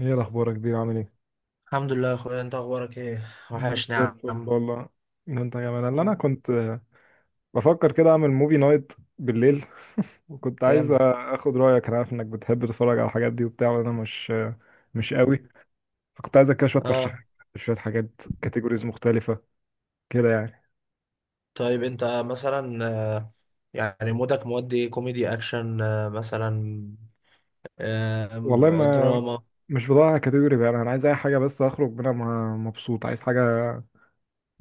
ايه الاخبار يا كبير، عامل ايه؟ الحمد لله يا اخويا، انت اخبارك ايه؟ مم. وحشني زي يا الفل عم. والله. إن انت كمان اللي انا مم. كنت بفكر كده اعمل موفي نايت بالليل. وكنت عايز جامد. اخد رايك. انا عارف انك بتحب تتفرج على الحاجات دي وبتاع، وانا مش مش مم. قوي. فكنت عايزك كده شويه اه، ترشيحات، شويه حاجات، كاتيجوريز مختلفه كده يعني. طيب انت مثلا آه، يعني مودك مودي إيه؟ كوميدي اكشن مثلا؟ والله ما، دراما؟ مش بدور على كاتيجوري بقى، انا عايز اي حاجه بس اخرج منها مبسوط. عايز حاجه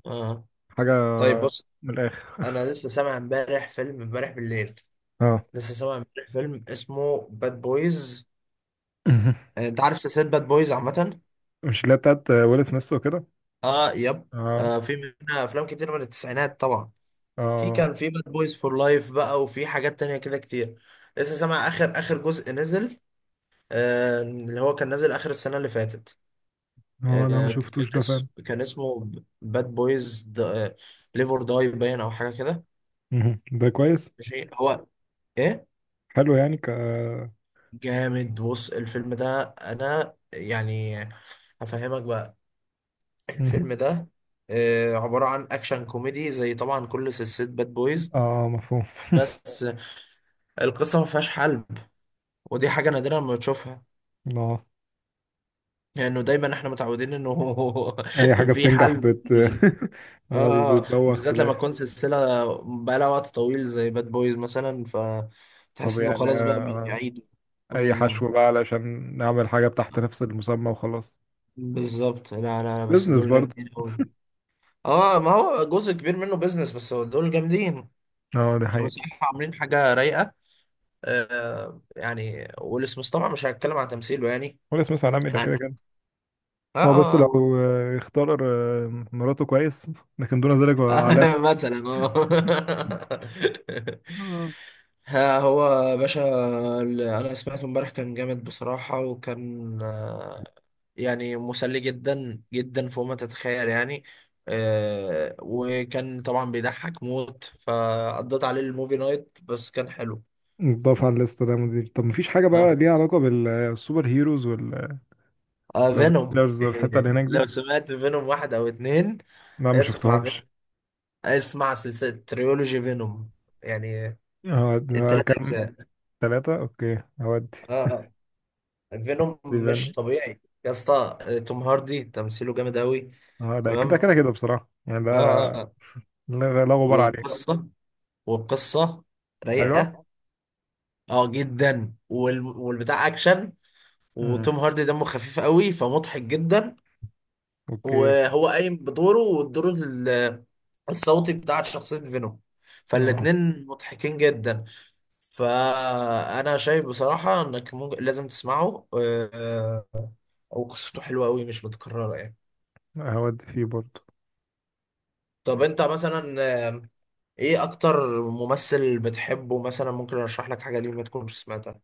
اه، حاجه طيب بص. من الاخر. انا لسه سامع امبارح فيلم امبارح بالليل. اه. لسه سامع امبارح فيلم اسمه باد بويز. انت عارف سلسلة باد بويز عامة؟ مش اللي هي بتاعت ويل سميث وكده؟ اه، يب. اه، في منها افلام كتير من التسعينات طبعا. في اه، كان في باد بويز فور لايف بقى، وفي حاجات تانية كده كتير. لسه سامع اخر اخر جزء نزل، اللي هو كان نازل اخر السنة اللي فاتت. اه، لا ما شفتوش ده فعلا. كان اسمه باد بويز ليف اور داي باين او حاجة كده. مهم. ده كويس. ماشي هو. ايه. حلو يعني جامد. بص الفيلم ده انا يعني هفهمك بقى. مهم. الفيلم ده عبارة عن اكشن كوميدي، زي طبعا كل سلسلة باد بويز. اه مفهوم. بس القصة ما فيهاش حل، ودي حاجة نادرة لما تشوفها، اه لانه دايما احنا متعودين انه اي حاجة في بتنجح حل. اه، بتبوخ في وبالذات لما الاخر. تكون سلسله بقالها وقت طويل زي باد بويز مثلا، طب فتحس انه يعني خلاص بقى بيعيدوا. اي أمم. حشو بقى علشان نعمل حاجة تحت نفس المسمى وخلاص. بالظبط. لا لا لا، بس بزنس دول برضه. جامدين قوي. اه، ما هو جزء كبير منه بيزنس، بس هو دول جامدين. اه دي حقيقة. بصراحه عاملين حاجه رايقه. يعني ويل سميث طبعا مش هتكلم عن تمثيله يعني. ولا اسمه سلام ده كده يعني كده. اه، اه بس لو اختار مراته كويس، لكن دون ذلك هو علامة. مثلا اه آه. ها هو يا باشا. اللي انا سمعته امبارح كان جامد بصراحة، وكان يعني مسلي جدا جدا فوق ما تتخيل يعني. وكان طبعا بيضحك موت، فقضيت عليه الموفي نايت، بس كان حلو. نضاف على الليسته ده مدير. طب مفيش حاجة بقى اه، ليها علاقة بالسوبر هيروز فينوم. والافينجرز والحتة اللي إيه، هناك دي، لو سمعت فينوم واحد او اتنين؟ لا ما اسمع فينوم. شفتهمش. اسمع سلسلة تريولوجي فينوم يعني هو ده التلات كام؟ اجزاء ثلاثة. اوكي هودي. اه فينوم مش ديفين. طبيعي يا اسطى. توم هاردي تمثيله جامد قوي. اه ده كده تمام. كده كده بصراحة يعني ده، اه اه لا لا غبار عليه. والقصه والقصه حلوة. رايقه. اه جدا، والبتاع اكشن. مم. وتوم هاردي دمه خفيف قوي، فمضحك جدا. اوكي. وهو قايم بدوره، والدور الصوتي بتاع شخصيه فينوم، اه فالاتنين مضحكين جدا. فانا شايف بصراحه انك ممكن لازم تسمعه، وقصته حلوه قوي مش متكرره يعني. هودي فيه برضه. طب انت مثلا ايه اكتر ممثل بتحبه مثلا؟ ممكن ارشح لك حاجه ليه ما تكونش سمعتها.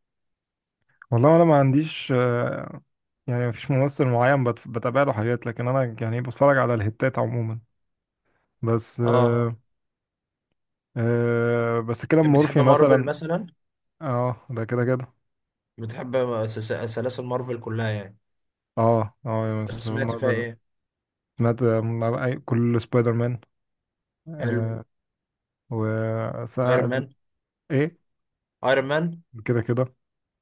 والله انا ما عنديش يعني مفيش ممثل معين بتابع له حاجات، لكن انا يعني بتفرج على الهتات عموما. بس اه، آه آه بس كده مورفي بتحب مارفل مثلا. مثلا؟ اه ده كده كده. بتحب سلاسل مارفل كلها يعني؟ اه، اه، بس سمعت فيها مارفل. ايه؟ سمعت كل سبايدر مان. حلو. آه و ايرون مان. ايه. ايرون مان. كده كده.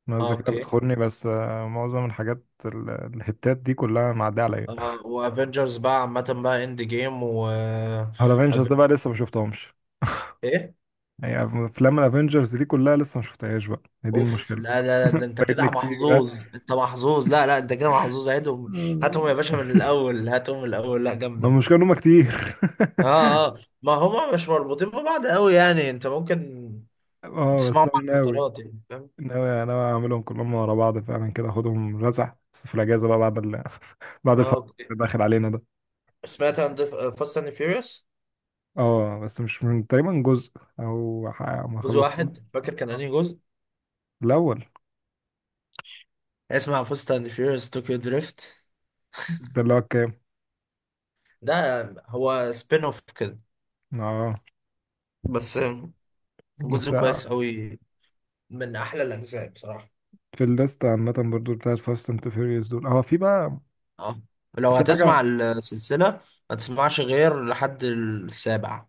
انا اه الذاكره اوكي. بتخوني بس معظم الحاجات الهتات دي كلها معديه عليا. وافنجرز بقى عامه بقى، اند جيم و على افنجرز ده بقى Avengers، لسه ما شفتهمش. ايه؟ هي افلام الافنجرز دي كلها لسه ما شفتهاش بقى، هي دي اوف المشكله. لا لا لا، ده انت فايتني كده كتير، ها. محظوظ. انت محظوظ. لا لا، انت كده محظوظ. هاتهم. آه. هاتهم يا باشا من الاول. هاتهم من الاول. لا ما جامده. المشكله ان هم كتير. اه اه، ما هما مش مربوطين ببعض قوي يعني، انت ممكن اه بس تسمعهم انا على ناوي الفترات يعني فاهم. ناوي ناوي اعملهم كلهم ورا بعض فعلا، كده اخدهم رزع بس في الاجازه بقى بعد بعد اه الفتره اوكي. اللي داخل علينا ده. سمعت عن فاست اند فيوريوس؟ اه بس مش من تقريبا جزء او ما جزء خلصتهم واحد فاكر كان انهي جزء؟ الاول. اسمع فاست اند فيوريوس طوكيو دريفت. ده اللي هو كام؟ ده هو سبين اوف كده اه بس، بس جزء كويس قوي، من احلى الاجزاء بصراحة. في الليست عامة برضو بتاعت فاست اند فيوريوس دول هو في بقى، اه، لو في حاجة هتسمع السلسلة ما تسمعش غير لحد السابع.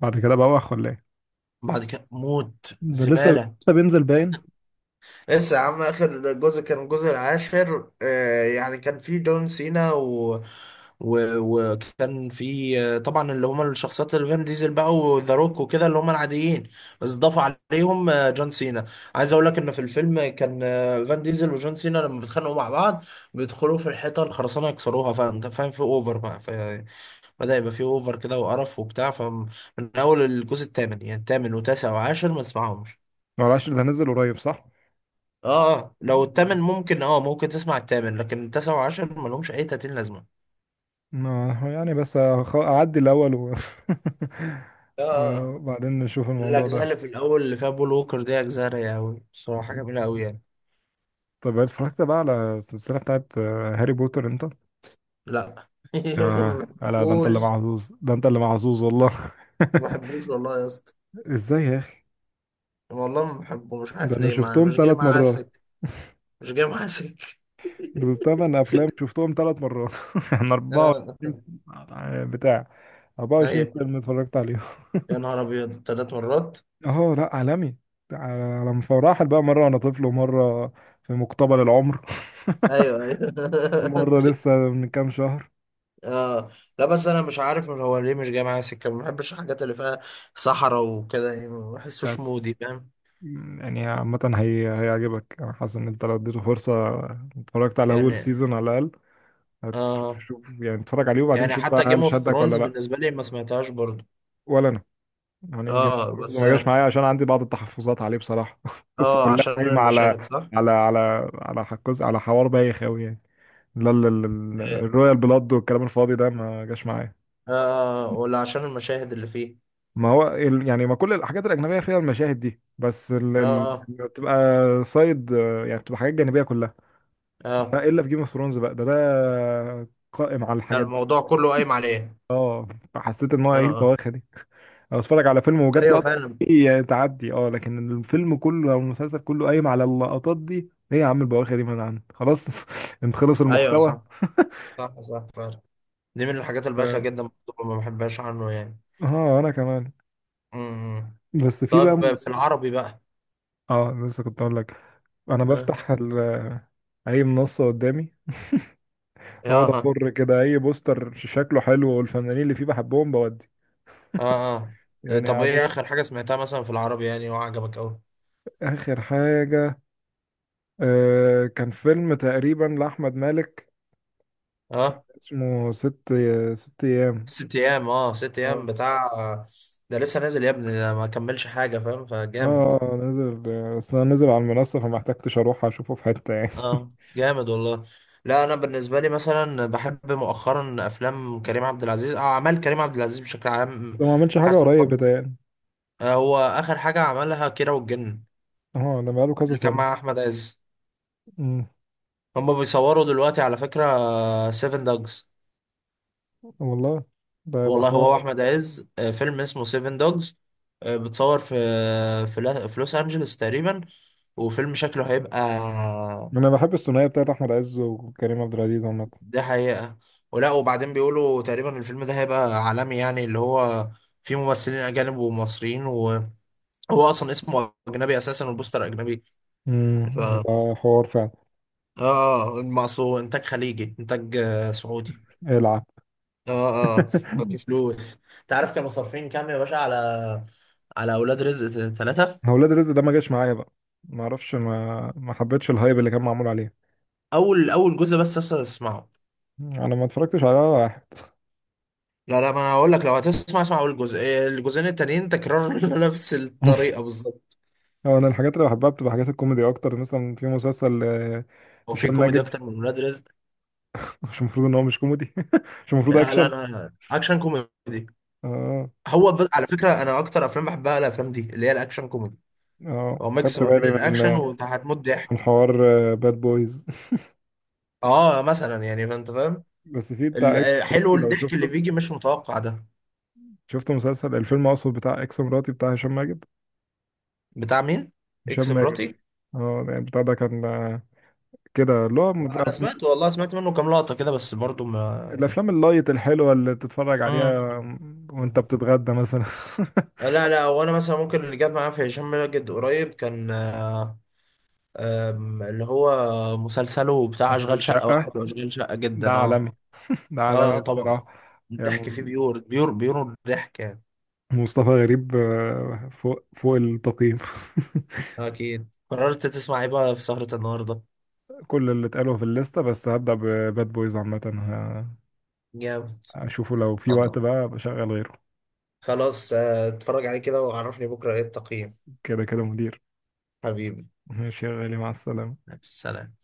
بعد كده بقى ولا ايه؟ بعد كده موت، ده لسه زبالة. لسه بينزل باين. لسه يا عم، اخر جزء كان الجزء العاشر. آه يعني كان في جون سينا وكان في طبعا اللي هم الشخصيات، اللي فان ديزل بقى وذا روك وكده اللي هم العاديين، بس ضاف عليهم جون سينا. عايز اقول لك ان في الفيلم كان فان ديزل وجون سينا لما بيتخانقوا مع بعض، بيدخلوا في الحيطه الخرسانه يكسروها. فانت فاهم، في اوفر بقى. فبدا يبقى في اوفر كده وقرف وبتاع. فمن اول الجزء الثامن يعني، الثامن وتاسع وعاشر ما تسمعهمش. معلش ده نزل قريب صح؟ اه، لو مم. التامن ممكن. اه ممكن تسمع التامن، لكن التاسع وعشر ملهمش اي تاتين لازمه. ما هو يعني بس أعدي الأول و... اه آه. وبعدين نشوف الموضوع الاجزاء ده. اللي في الاول اللي فيها بول ووكر دي اجزاء رايقه قوي بصراحه، جميله قوي يعني. طب اتفرجت بقى على السلسلة بتاعت هاري بوتر انت؟ لا ما آه لا، ده انت اللي بحبوش. محظوظ، ده انت اللي محظوظ والله. ما بحبوش والله يا اسطى. ازاي يا اخي؟ والله ما بحبه، مش ده عارف انا ليه، ما شفتهم مش جاي ثلاث معاه مرات. سكة. مش جاي معاه سكة. دول تمن افلام شفتهم ثلاث مرات يعني 24، آه. بتاع 24 ايوه، فيلم اتفرجت عليهم. يا نهار ابيض 3 مرات. اه لا، عالمي. على مفرحل بقى، مره وانا طفل، ومره في مقتبل العمر، ايوه ايوه ومره لسه من كام شهر. اه لا، بس انا مش عارف من هو ليه مش جاي معايا سكه. ما بحبش الحاجات اللي فيها صحراء وكده يعني، ما بحسوش مودي بس فاهم يعني عامه هي هيعجبك، انا حاسس ان انت لو اديته فرصه، اتفرجت على اول يعني. سيزون على الاقل، هتشوف. اه، شوف يعني اتفرج عليه وبعدين يعني شوف بقى حتى جيم هل اوف شدك ولا ثرونز لا. بالنسبه لي ما سمعتهاش برضو. ولا انا، يعني جيمس اه بوند بس ما جاش اه، معايا عشان عندي بعض التحفظات عليه بصراحة. القصة كلها عشان قايمة على المشاهد صح؟ على حكوز، على حوار بايخ أوي يعني. لا اه الرويال بلاد والكلام الفاضي ده ما جاش معايا. ولا عشان المشاهد اللي فيه؟ ما هو يعني ما كل الحاجات الأجنبية فيها المشاهد دي، بس اه اه بتبقى سايد، يعني بتبقى حاجات جانبية كلها. اه لا، إلا في جيم اوف ثرونز بقى ده قائم على لا، الحاجات دي. الموضوع كله قايم عليه. اه فحسيت إن هو اه إيه اه. البواخة دي؟ او اتفرج على فيلم وجات ايوه لقطه فعلا. دي تعدي، اه، لكن الفيلم كله او المسلسل كله قايم على اللقطات دي، ايه يا عم البواخر دي، من عندك خلاص. انت خلص ايوه المحتوى. صح صح صح فعلا. دي من الحاجات البايخه اه جدا. برضو ما بحبهاش عنه يعني. انا كمان. امم بس في طيب، بقى. في العربي بقى؟ اه لسه كنت اقول لك، انا بفتح اي منصه قدامي، واقعد اه افر كده اي بوستر شكله حلو والفنانين اللي فيه بحبهم بودي اه اه، يعني، طب عادة. ايه اخر حاجة سمعتها مثلا في العربي يعني وعجبك اوي؟ آخر حاجة كان فيلم تقريبا لأحمد مالك، اه اسمه ست أيام. ست ايام. اه ست آه، ايام بتاع؟ ده لسه نازل يا ابني، ده ما كملش حاجة فاهم، فجامد. اه نزل، بس انا نزل على المنصة فما احتجتش اروح اشوفه في حتة يعني. اه جامد والله. لا، انا بالنسبة لي مثلا بحب مؤخرا افلام كريم عبد العزيز، اعمال كريم عبد العزيز بشكل عام. ده ما عملش حاجة حاسس إن قريب هو بتهيألي. هو اخر حاجة عملها كيرة والجن، اه ده بقاله كذا اللي كان سنة. مع احمد عز. امم. هما بيصوروا دلوقتي على فكرة سيفن دوجز. والله ده يبقى والله حوار. هو احمد عز فيلم اسمه سيفن دوجز. بتصور في في لوس انجلوس تقريبا. وفيلم شكله هيبقى. انا بحب الثنائية بتاعت احمد عز وكريم عبد العزيز عامة. ده حقيقة. ولا وبعدين بيقولوا تقريبا الفيلم ده هيبقى عالمي يعني، اللي هو فيه ممثلين اجانب ومصريين، وهو اصلا اسمه اجنبي اساسا والبوستر اجنبي. ف يبقى حوار فعلا. اه، المقصود انتاج خليجي، انتاج سعودي. العب. اه اه. في فلوس. تعرف كانوا صارفين كام يا باشا على اولاد رزق 3؟ هو ولاد رزق ده ما جاش معايا بقى، ما اعرفش، ما حبيتش الهايب اللي كان معمول عليه. اول اول جزء بس اصلا اسمعه. انا ما اتفرجتش على ولا واحد. لا لا، ما انا هقول لك، لو هتسمع اسمع اول جزء. إيه، الجزئين التانيين تكرار نفس الطريقه بالظبط. هو انا الحاجات اللي بحبها بتبقى حاجات الكوميدي اكتر، مثلا في مسلسل هو في هشام كوميدي ماجد. اكتر من ولاد رزق؟ مش المفروض ان هو مش كوميدي؟ مش المفروض لا لا، اكشن. انا اكشن كوميدي. اه، هو على فكره انا اكتر افلام بحبها الافلام دي اللي هي الاكشن كوميدي. اه، هو ميكس خدت ما بين بالي من الاكشن وانت هتموت من ضحك. حوار باد بويز. اه مثلا يعني فانت فاهم، بس في بتاع اكس حلو مراتي لو الضحك اللي شفته، بيجي مش متوقع ده. شفته مسلسل، الفيلم اقصد، بتاع اكس مراتي بتاع هشام ماجد. بتاع مين؟ هشام اكس ماجد، مراتي؟ اه يعني بتاع ده كان كده اللي هو انا سمعت والله سمعت منه كام لقطه كده بس، برضو ما يعني. الافلام اللايت الحلوه اللي تتفرج عليها وانت مم. بتتغدى مثلا. لا لا، وانا مثلا ممكن اللي جاب معايا في هشام ماجد قريب كان، آه، آم، اللي هو مسلسله بتاع اشغال اشغال شقة شقه واحد واشغال شقة ده جدا. اه. عالمي، ده اه عالمي طبعا بصراحه. الضحك يعني فيه بيور بيور بيور. الضحك يعني. مصطفى غريب فوق فوق التقييم. اكيد قررت تسمع ايه بقى في سهرة النهاردة؟ كل اللي اتقالوا في الليسته، بس هبدأ بباد بويز عامة جامد. هشوفه لو في وقت بقى بشغل غيره. خلاص اتفرج عليه كده وعرفني بكرة ايه التقييم. كده كده مدير. حبيبي. ماشي يا غالي، مع السلامة. سلام.